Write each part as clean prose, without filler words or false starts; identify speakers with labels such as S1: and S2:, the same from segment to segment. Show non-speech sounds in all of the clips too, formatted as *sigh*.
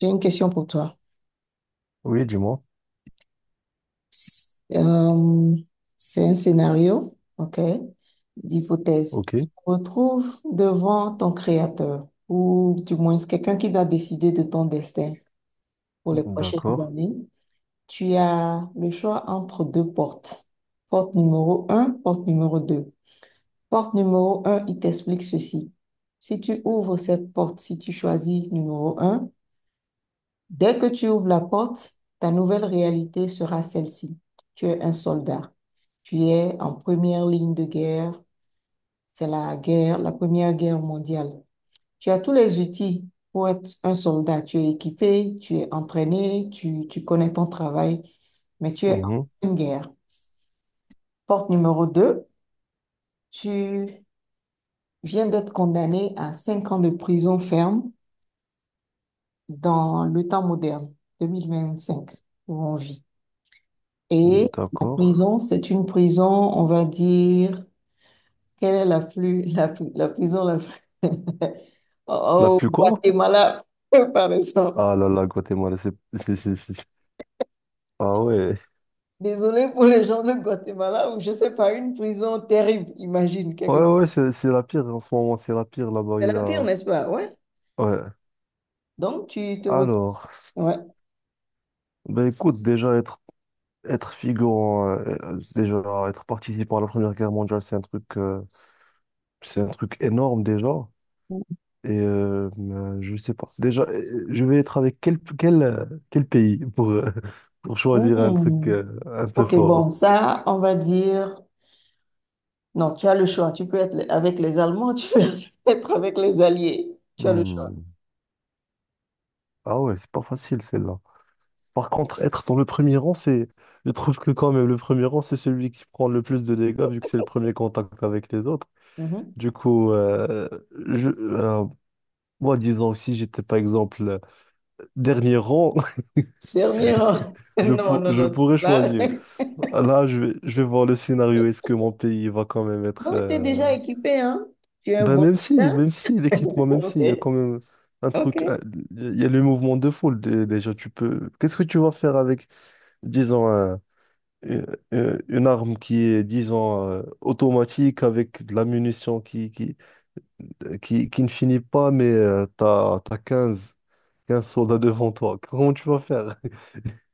S1: J'ai une question pour toi.
S2: Oui, dis-moi.
S1: Euh, c'est un scénario, ok, d'hypothèse.
S2: Ok,
S1: Tu te retrouves devant ton créateur, ou du moins c'est quelqu'un qui doit décider de ton destin pour les prochaines
S2: d'accord.
S1: années. Tu as le choix entre deux portes. Porte numéro un, porte numéro 2. Porte numéro un, il t'explique ceci. Si tu ouvres cette porte, si tu choisis numéro un. Dès que tu ouvres la porte, ta nouvelle réalité sera celle-ci. Tu es un soldat. Tu es en première ligne de guerre. C'est la guerre, la première guerre mondiale. Tu as tous les outils pour être un soldat. Tu es équipé, tu es entraîné, tu connais ton travail, mais tu es en
S2: Mhm.
S1: pleine guerre. Porte numéro 2. Tu viens d'être condamné à 5 ans de prison ferme dans le temps moderne, 2025, où on vit. Et la
S2: D'accord.
S1: prison, c'est une prison, on va dire, quelle est la plus, la, plus- la prison la plus... *laughs*
S2: La
S1: au
S2: plus quoi?
S1: Guatemala, *laughs* par exemple.
S2: Ah là là, Guatemala, Ah ouais.
S1: Désolée pour les gens de Guatemala, ou je sais pas, une prison terrible, imagine, quelque
S2: Ouais,
S1: part.
S2: ouais, c'est la pire en ce moment, c'est la pire là-bas.
S1: C'est la pire, n'est-ce pas? Ouais.
S2: Ouais.
S1: Donc, tu te retrouves...
S2: Alors,
S1: Ouais.
S2: ben écoute, déjà être figurant, déjà être participant à la Première Guerre mondiale, c'est un truc énorme déjà. Et je sais pas. Déjà, je vais être avec quel pays pour, *laughs* pour choisir un truc
S1: Hmm.
S2: un peu
S1: Ok,
S2: fort.
S1: bon, ça, on va dire... Non, tu as le choix. Tu peux être avec les Allemands, tu peux *laughs* être avec les Alliés. Tu as le choix.
S2: Hmm. Ah ouais, c'est pas facile celle-là. Par contre, être dans le premier rang, c'est. Je trouve que quand même, le premier rang, c'est celui qui prend le plus de dégâts, vu que c'est le premier contact avec les autres.
S1: Mhm.
S2: Du coup, je, euh, moi, disons que si j'étais, par exemple, dernier rang,
S1: Dernier
S2: *laughs*
S1: rang. *laughs* Non, non,
S2: je
S1: non.
S2: pourrais
S1: Là,
S2: choisir.
S1: *laughs*
S2: Là, je vais voir le scénario. Est-ce que mon pays va quand même être,
S1: non, tu es déjà équipé, hein? Tu es un
S2: Bah
S1: bon soutien.
S2: même si l'équipement, même
S1: Ok,
S2: si, il y a quand même un truc.
S1: ok.
S2: Il y a le mouvement de foule déjà, tu peux... Qu'est-ce que tu vas faire avec, disons, une, une arme qui est, disons, automatique, avec de la munition qui ne finit pas, mais t'as quinze soldats devant toi. Comment tu vas faire?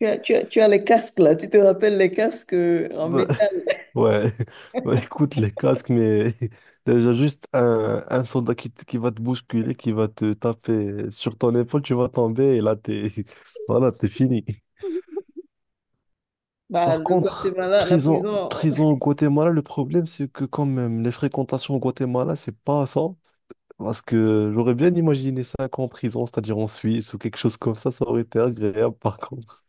S1: Tu as les casques, là. Tu te rappelles les casques en métal.
S2: *laughs* Ouais, *laughs* Bah, écoute les casques, mais *laughs* déjà juste un soldat qui va te bousculer, qui va te taper sur ton épaule, tu vas tomber et là t'es *laughs* voilà, t'es fini.
S1: *laughs* Bah,
S2: Par
S1: le
S2: contre,
S1: Guatemala, la
S2: prison,
S1: prison,
S2: prison au
S1: *laughs*
S2: Guatemala, le problème c'est que quand même les fréquentations au Guatemala, c'est pas ça. Parce que j'aurais bien imaginé 5 ans en prison, c'est-à-dire en Suisse ou quelque chose comme ça aurait été agréable par contre.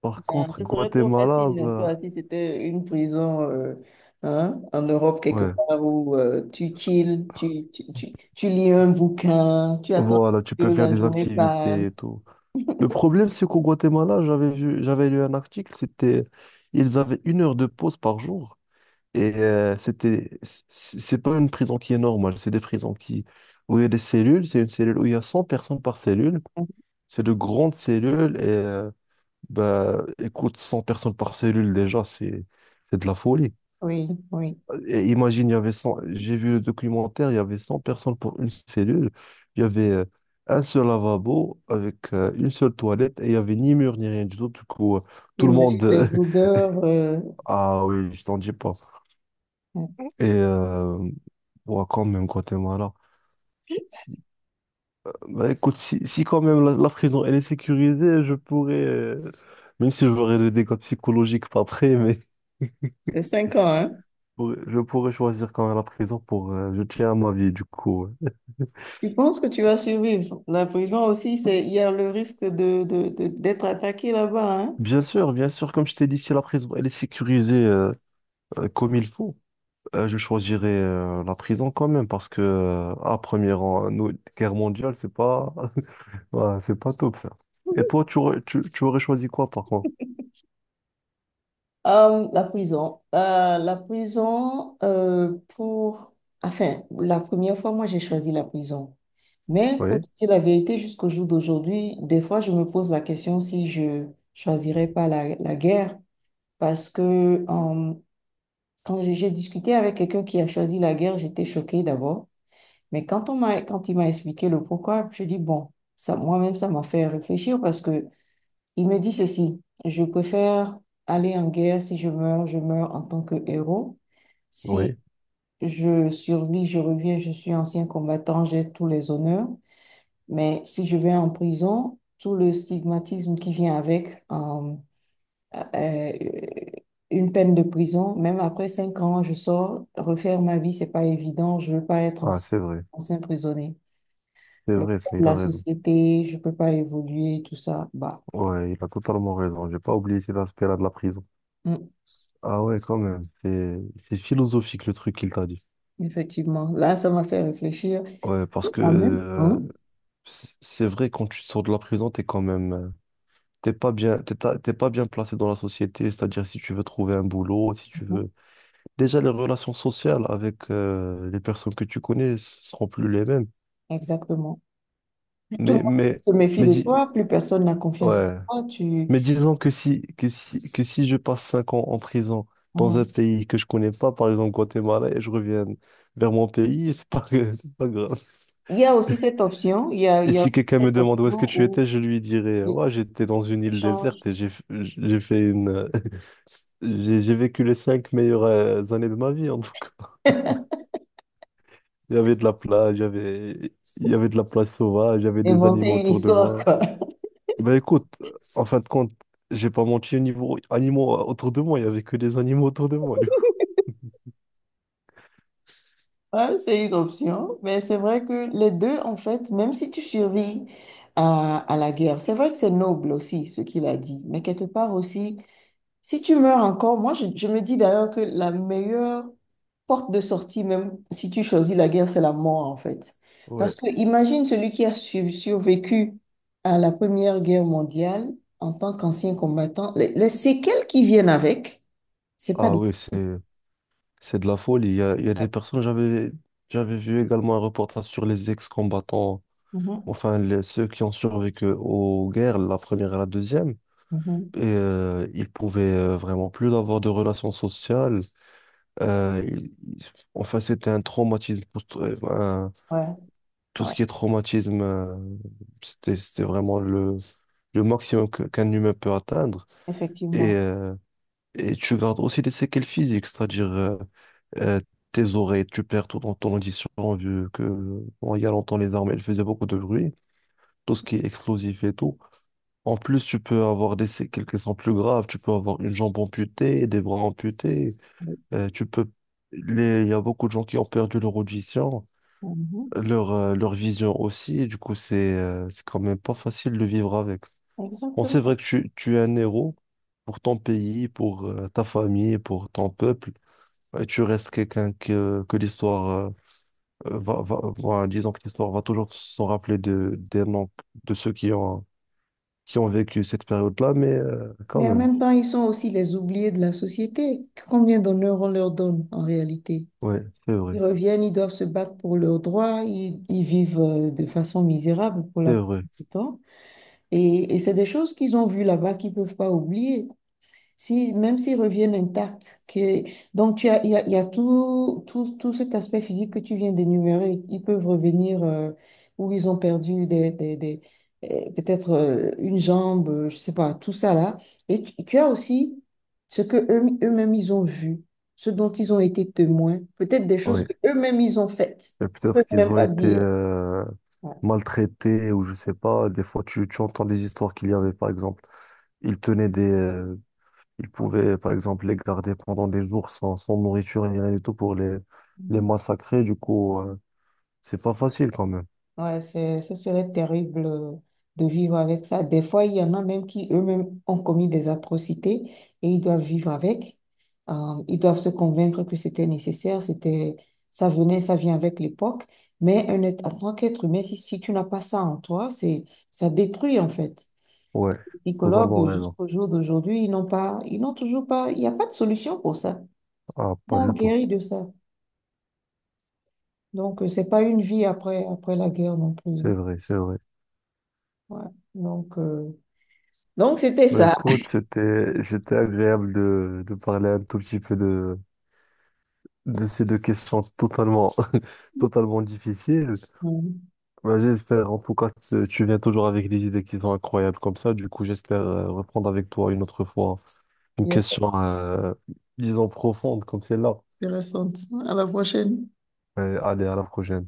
S2: Par
S1: ah,
S2: contre,
S1: ce serait trop
S2: Guatemala,
S1: facile, n'est-ce
S2: bah,
S1: pas, si c'était une prison hein, en Europe quelque
S2: ouais,
S1: part où tu chill, tu lis un bouquin, tu attends
S2: voilà, tu
S1: que
S2: peux faire
S1: la
S2: des
S1: journée
S2: activités et
S1: passe.
S2: tout. Le problème, c'est qu'au Guatemala, j'avais lu un article, c'était, ils avaient 1 heure de pause par jour. Et c'est pas une prison qui est normale, c'est des prisons où il y a des cellules, c'est une cellule où il y a 100 personnes par cellule. C'est de grandes cellules et, bah, écoute, 100 personnes par cellule, déjà, c'est de la folie.
S1: Oui, oui.
S2: Et imagine, il y avait 100. J'ai vu le documentaire, il y avait 100 personnes pour une cellule. Il y avait un seul lavabo avec une seule toilette et il n'y avait ni mur ni rien du tout. Du coup,
S1: Tu
S2: tout le monde.
S1: imagines les
S2: *laughs*
S1: odeurs.
S2: Ah oui, je t'en dis pas.
S1: euh,
S2: Et ouais, quand même, Guatemala. Bah écoute, si quand même la prison elle est sécurisée, je pourrais. Même si j'aurais des dégâts psychologiques pas après, mais *laughs* je
S1: C'est 5 ans, hein?
S2: je pourrais choisir quand même la prison pour. Je tiens à ma vie, du coup. Ouais.
S1: Tu penses que tu vas survivre? La prison aussi, c'est, il y a le risque de, d'être attaqué là-bas, hein?
S2: Bien sûr, comme je t'ai dit, si la prison elle est sécurisée comme il faut, je choisirais la prison quand même parce que à premier rang, nous, guerre mondiale, c'est pas *laughs* ouais, c'est pas top ça. Et toi, tu aurais choisi quoi par contre?
S1: La prison. La prison pour... Enfin, la première fois, moi, j'ai choisi la prison. Mais pour
S2: Oui,
S1: te dire la vérité, jusqu'au jour d'aujourd'hui, des fois, je me pose la question si je choisirais pas la, la guerre. Parce que euh, quand j'ai discuté avec quelqu'un qui a choisi la guerre, j'étais choquée d'abord. Mais quand on m'a, quand il m'a expliqué le pourquoi, je dis, bon, ça, moi-même, ça m'a fait réfléchir parce que il me dit ceci, je préfère aller en guerre si je meurs, je meurs en tant que héros. Si
S2: oui.
S1: je survis, je reviens, je suis ancien combattant, j'ai tous les honneurs. Mais si je vais en prison, tout le stigmatisme qui vient avec euh, une peine de prison, même après 5 ans, je sors, refaire ma vie, c'est pas évident, je veux pas être
S2: Ah,
S1: ancien prisonnier,
S2: c'est
S1: le
S2: vrai,
S1: poids
S2: ça,
S1: de
S2: il a
S1: la
S2: raison.
S1: société, je ne peux pas évoluer, tout ça. Bah,
S2: Ouais, il a totalement raison. J'ai pas oublié cet aspect-là de la prison.
S1: mm,
S2: Ah ouais, quand même. C'est philosophique le truc qu'il t'a dit.
S1: effectivement, là, ça m'a fait réfléchir.
S2: Ouais, parce que
S1: En même temps,
S2: c'est vrai, quand tu sors de la prison, t'es quand même t'es pas bien placé dans la société, c'est-à-dire si tu veux trouver un boulot, si tu
S1: mhm,
S2: veux... Déjà, les relations sociales avec les personnes que tu connais seront plus les mêmes.
S1: exactement. Plus tout le
S2: Mais,
S1: monde
S2: mais,
S1: se méfie
S2: mais,
S1: de
S2: dis-
S1: toi, plus personne n'a confiance
S2: ouais.
S1: en toi. Tu...
S2: Mais disons que si je passe 5 ans en prison dans un
S1: mhm.
S2: pays que je connais pas, par exemple Guatemala, et je reviens vers mon pays, *laughs* c'est pas, que- *laughs* c'est pas grave.
S1: Il y a aussi cette option, il
S2: Et
S1: y a
S2: si quelqu'un
S1: cette
S2: me demande où est-ce que
S1: option
S2: tu
S1: où
S2: étais, je lui dirais,
S1: oui,
S2: ouais, j'étais dans une
S1: tu
S2: île
S1: changes,
S2: déserte et j'ai fait une... J'ai vécu les cinq meilleures années de ma vie, en tout cas.
S1: *laughs*
S2: Il y avait de la plage, il y avait de la plage sauvage, il y avait des animaux
S1: inventer une
S2: autour de
S1: histoire,
S2: moi.
S1: quoi.
S2: Ben écoute, en fin de compte, j'ai pas menti au niveau animaux autour de moi, il y avait que des animaux autour de moi, du coup.
S1: Ouais, c'est une option, mais c'est vrai que les deux, en fait, même si tu survis à la guerre, c'est vrai que c'est noble aussi ce qu'il a dit, mais quelque part aussi, si tu meurs encore, je me dis d'ailleurs que la meilleure porte de sortie, même si tu choisis la guerre, c'est la mort en fait.
S2: Ouais.
S1: Parce que imagine celui qui a survécu à la Première Guerre mondiale en tant qu'ancien combattant, les séquelles qui viennent avec, c'est pas...
S2: Ah
S1: des-
S2: oui, c'est de la folie. Il y a des personnes, j'avais vu également un reportage sur les ex-combattants,
S1: Mhm,
S2: enfin ceux qui ont survécu aux guerres, la première et la deuxième.
S1: mhm.
S2: Et il pouvait vraiment plus avoir de relations sociales. Enfin, c'était un traumatisme.
S1: Ouais,
S2: Tout
S1: ouais,
S2: ce qui est traumatisme, c'était vraiment le maximum qu'un humain peut atteindre. Et,
S1: effectivement.
S2: euh, et tu gardes aussi des séquelles physiques, c'est-à-dire euh, tes oreilles, tu perds tout dans ton audition, vu que bon, il y a longtemps, les armées, elles faisaient beaucoup de bruit, tout ce qui est explosif et tout. En plus, tu peux avoir quelques sons plus graves, tu peux avoir une jambe amputée, des bras amputés, tu peux... Il y a beaucoup de gens qui ont perdu leur audition,
S1: Mhm,
S2: leur vision aussi, du coup, c'est quand même pas facile de vivre avec. Bon, c'est
S1: exactement.
S2: vrai que tu es un héros pour ton pays, pour ta famille, pour ton peuple, et tu restes quelqu'un que l'histoire disons que l'histoire va toujours s'en rappeler des noms de ceux qui ont vécu cette période-là, mais quand
S1: Mais en
S2: même.
S1: même temps, ils sont aussi les oubliés de la société. Combien d'honneur on leur donne en réalité?
S2: Oui, c'est vrai,
S1: Ils reviennent, ils doivent se battre pour leurs droits, ils vivent de façon misérable pour la
S2: c'est
S1: plupart
S2: vrai.
S1: du temps. Et c'est des choses qu'ils ont vues là-bas qu'ils ne peuvent pas oublier. Si, même s'ils reviennent intacts, que, donc tu as, il y a tout, tout, tout cet aspect physique que tu viens d'énumérer. Ils peuvent revenir où ils ont perdu des, peut-être une jambe, je sais pas, tout ça là. Et tu as aussi ce que eux, eux-mêmes ils ont vu, ce dont ils ont été témoins, peut-être des choses
S2: Oui.
S1: que eux-mêmes ils ont faites.
S2: Et
S1: Ils
S2: peut-être
S1: peuvent
S2: qu'ils
S1: même
S2: ont
S1: pas
S2: été
S1: dire. Ouais.
S2: maltraités ou je sais pas. Des fois, tu entends des histoires qu'il y avait, par exemple. Ils tenaient des, ils pouvaient, par exemple, les garder pendant des jours sans nourriture ni rien du tout pour les
S1: Mhm.
S2: massacrer. Du coup, c'est pas facile quand même.
S1: Ouais, c'est, ce serait terrible de vivre avec ça. Des fois, il y en a même qui eux-mêmes ont commis des atrocités et ils doivent vivre avec. Ils doivent se convaincre que c'était nécessaire, c'était, ça venait, ça vient avec l'époque. Mais un être, en tant qu'être humain, si, si tu n'as pas ça en toi, c'est, ça détruit en fait.
S2: Ouais,
S1: Les
S2: totalement
S1: psychologues,
S2: raison.
S1: jusqu'au jour d'aujourd'hui, ils n'ont pas, ils n'ont toujours pas, il n'y a pas de solution pour ça.
S2: Ah, pas
S1: On
S2: du tout.
S1: guérit de ça. Donc, c'est pas une vie après, après la guerre non plus, hein.
S2: C'est vrai, c'est vrai.
S1: Ouais. Donc, donc, c'était
S2: Bah,
S1: ça.
S2: écoute, c'était agréable de parler un tout petit peu de ces deux questions totalement, *laughs* totalement difficiles.
S1: Mhm.
S2: Bah, j'espère, en tout cas, tu viens toujours avec des idées qui sont incroyables comme ça. Du coup, j'espère reprendre avec toi une autre fois une
S1: Il y a
S2: question, disons, profonde comme celle-là.
S1: intéressant. À la prochaine.
S2: Allez, à la prochaine.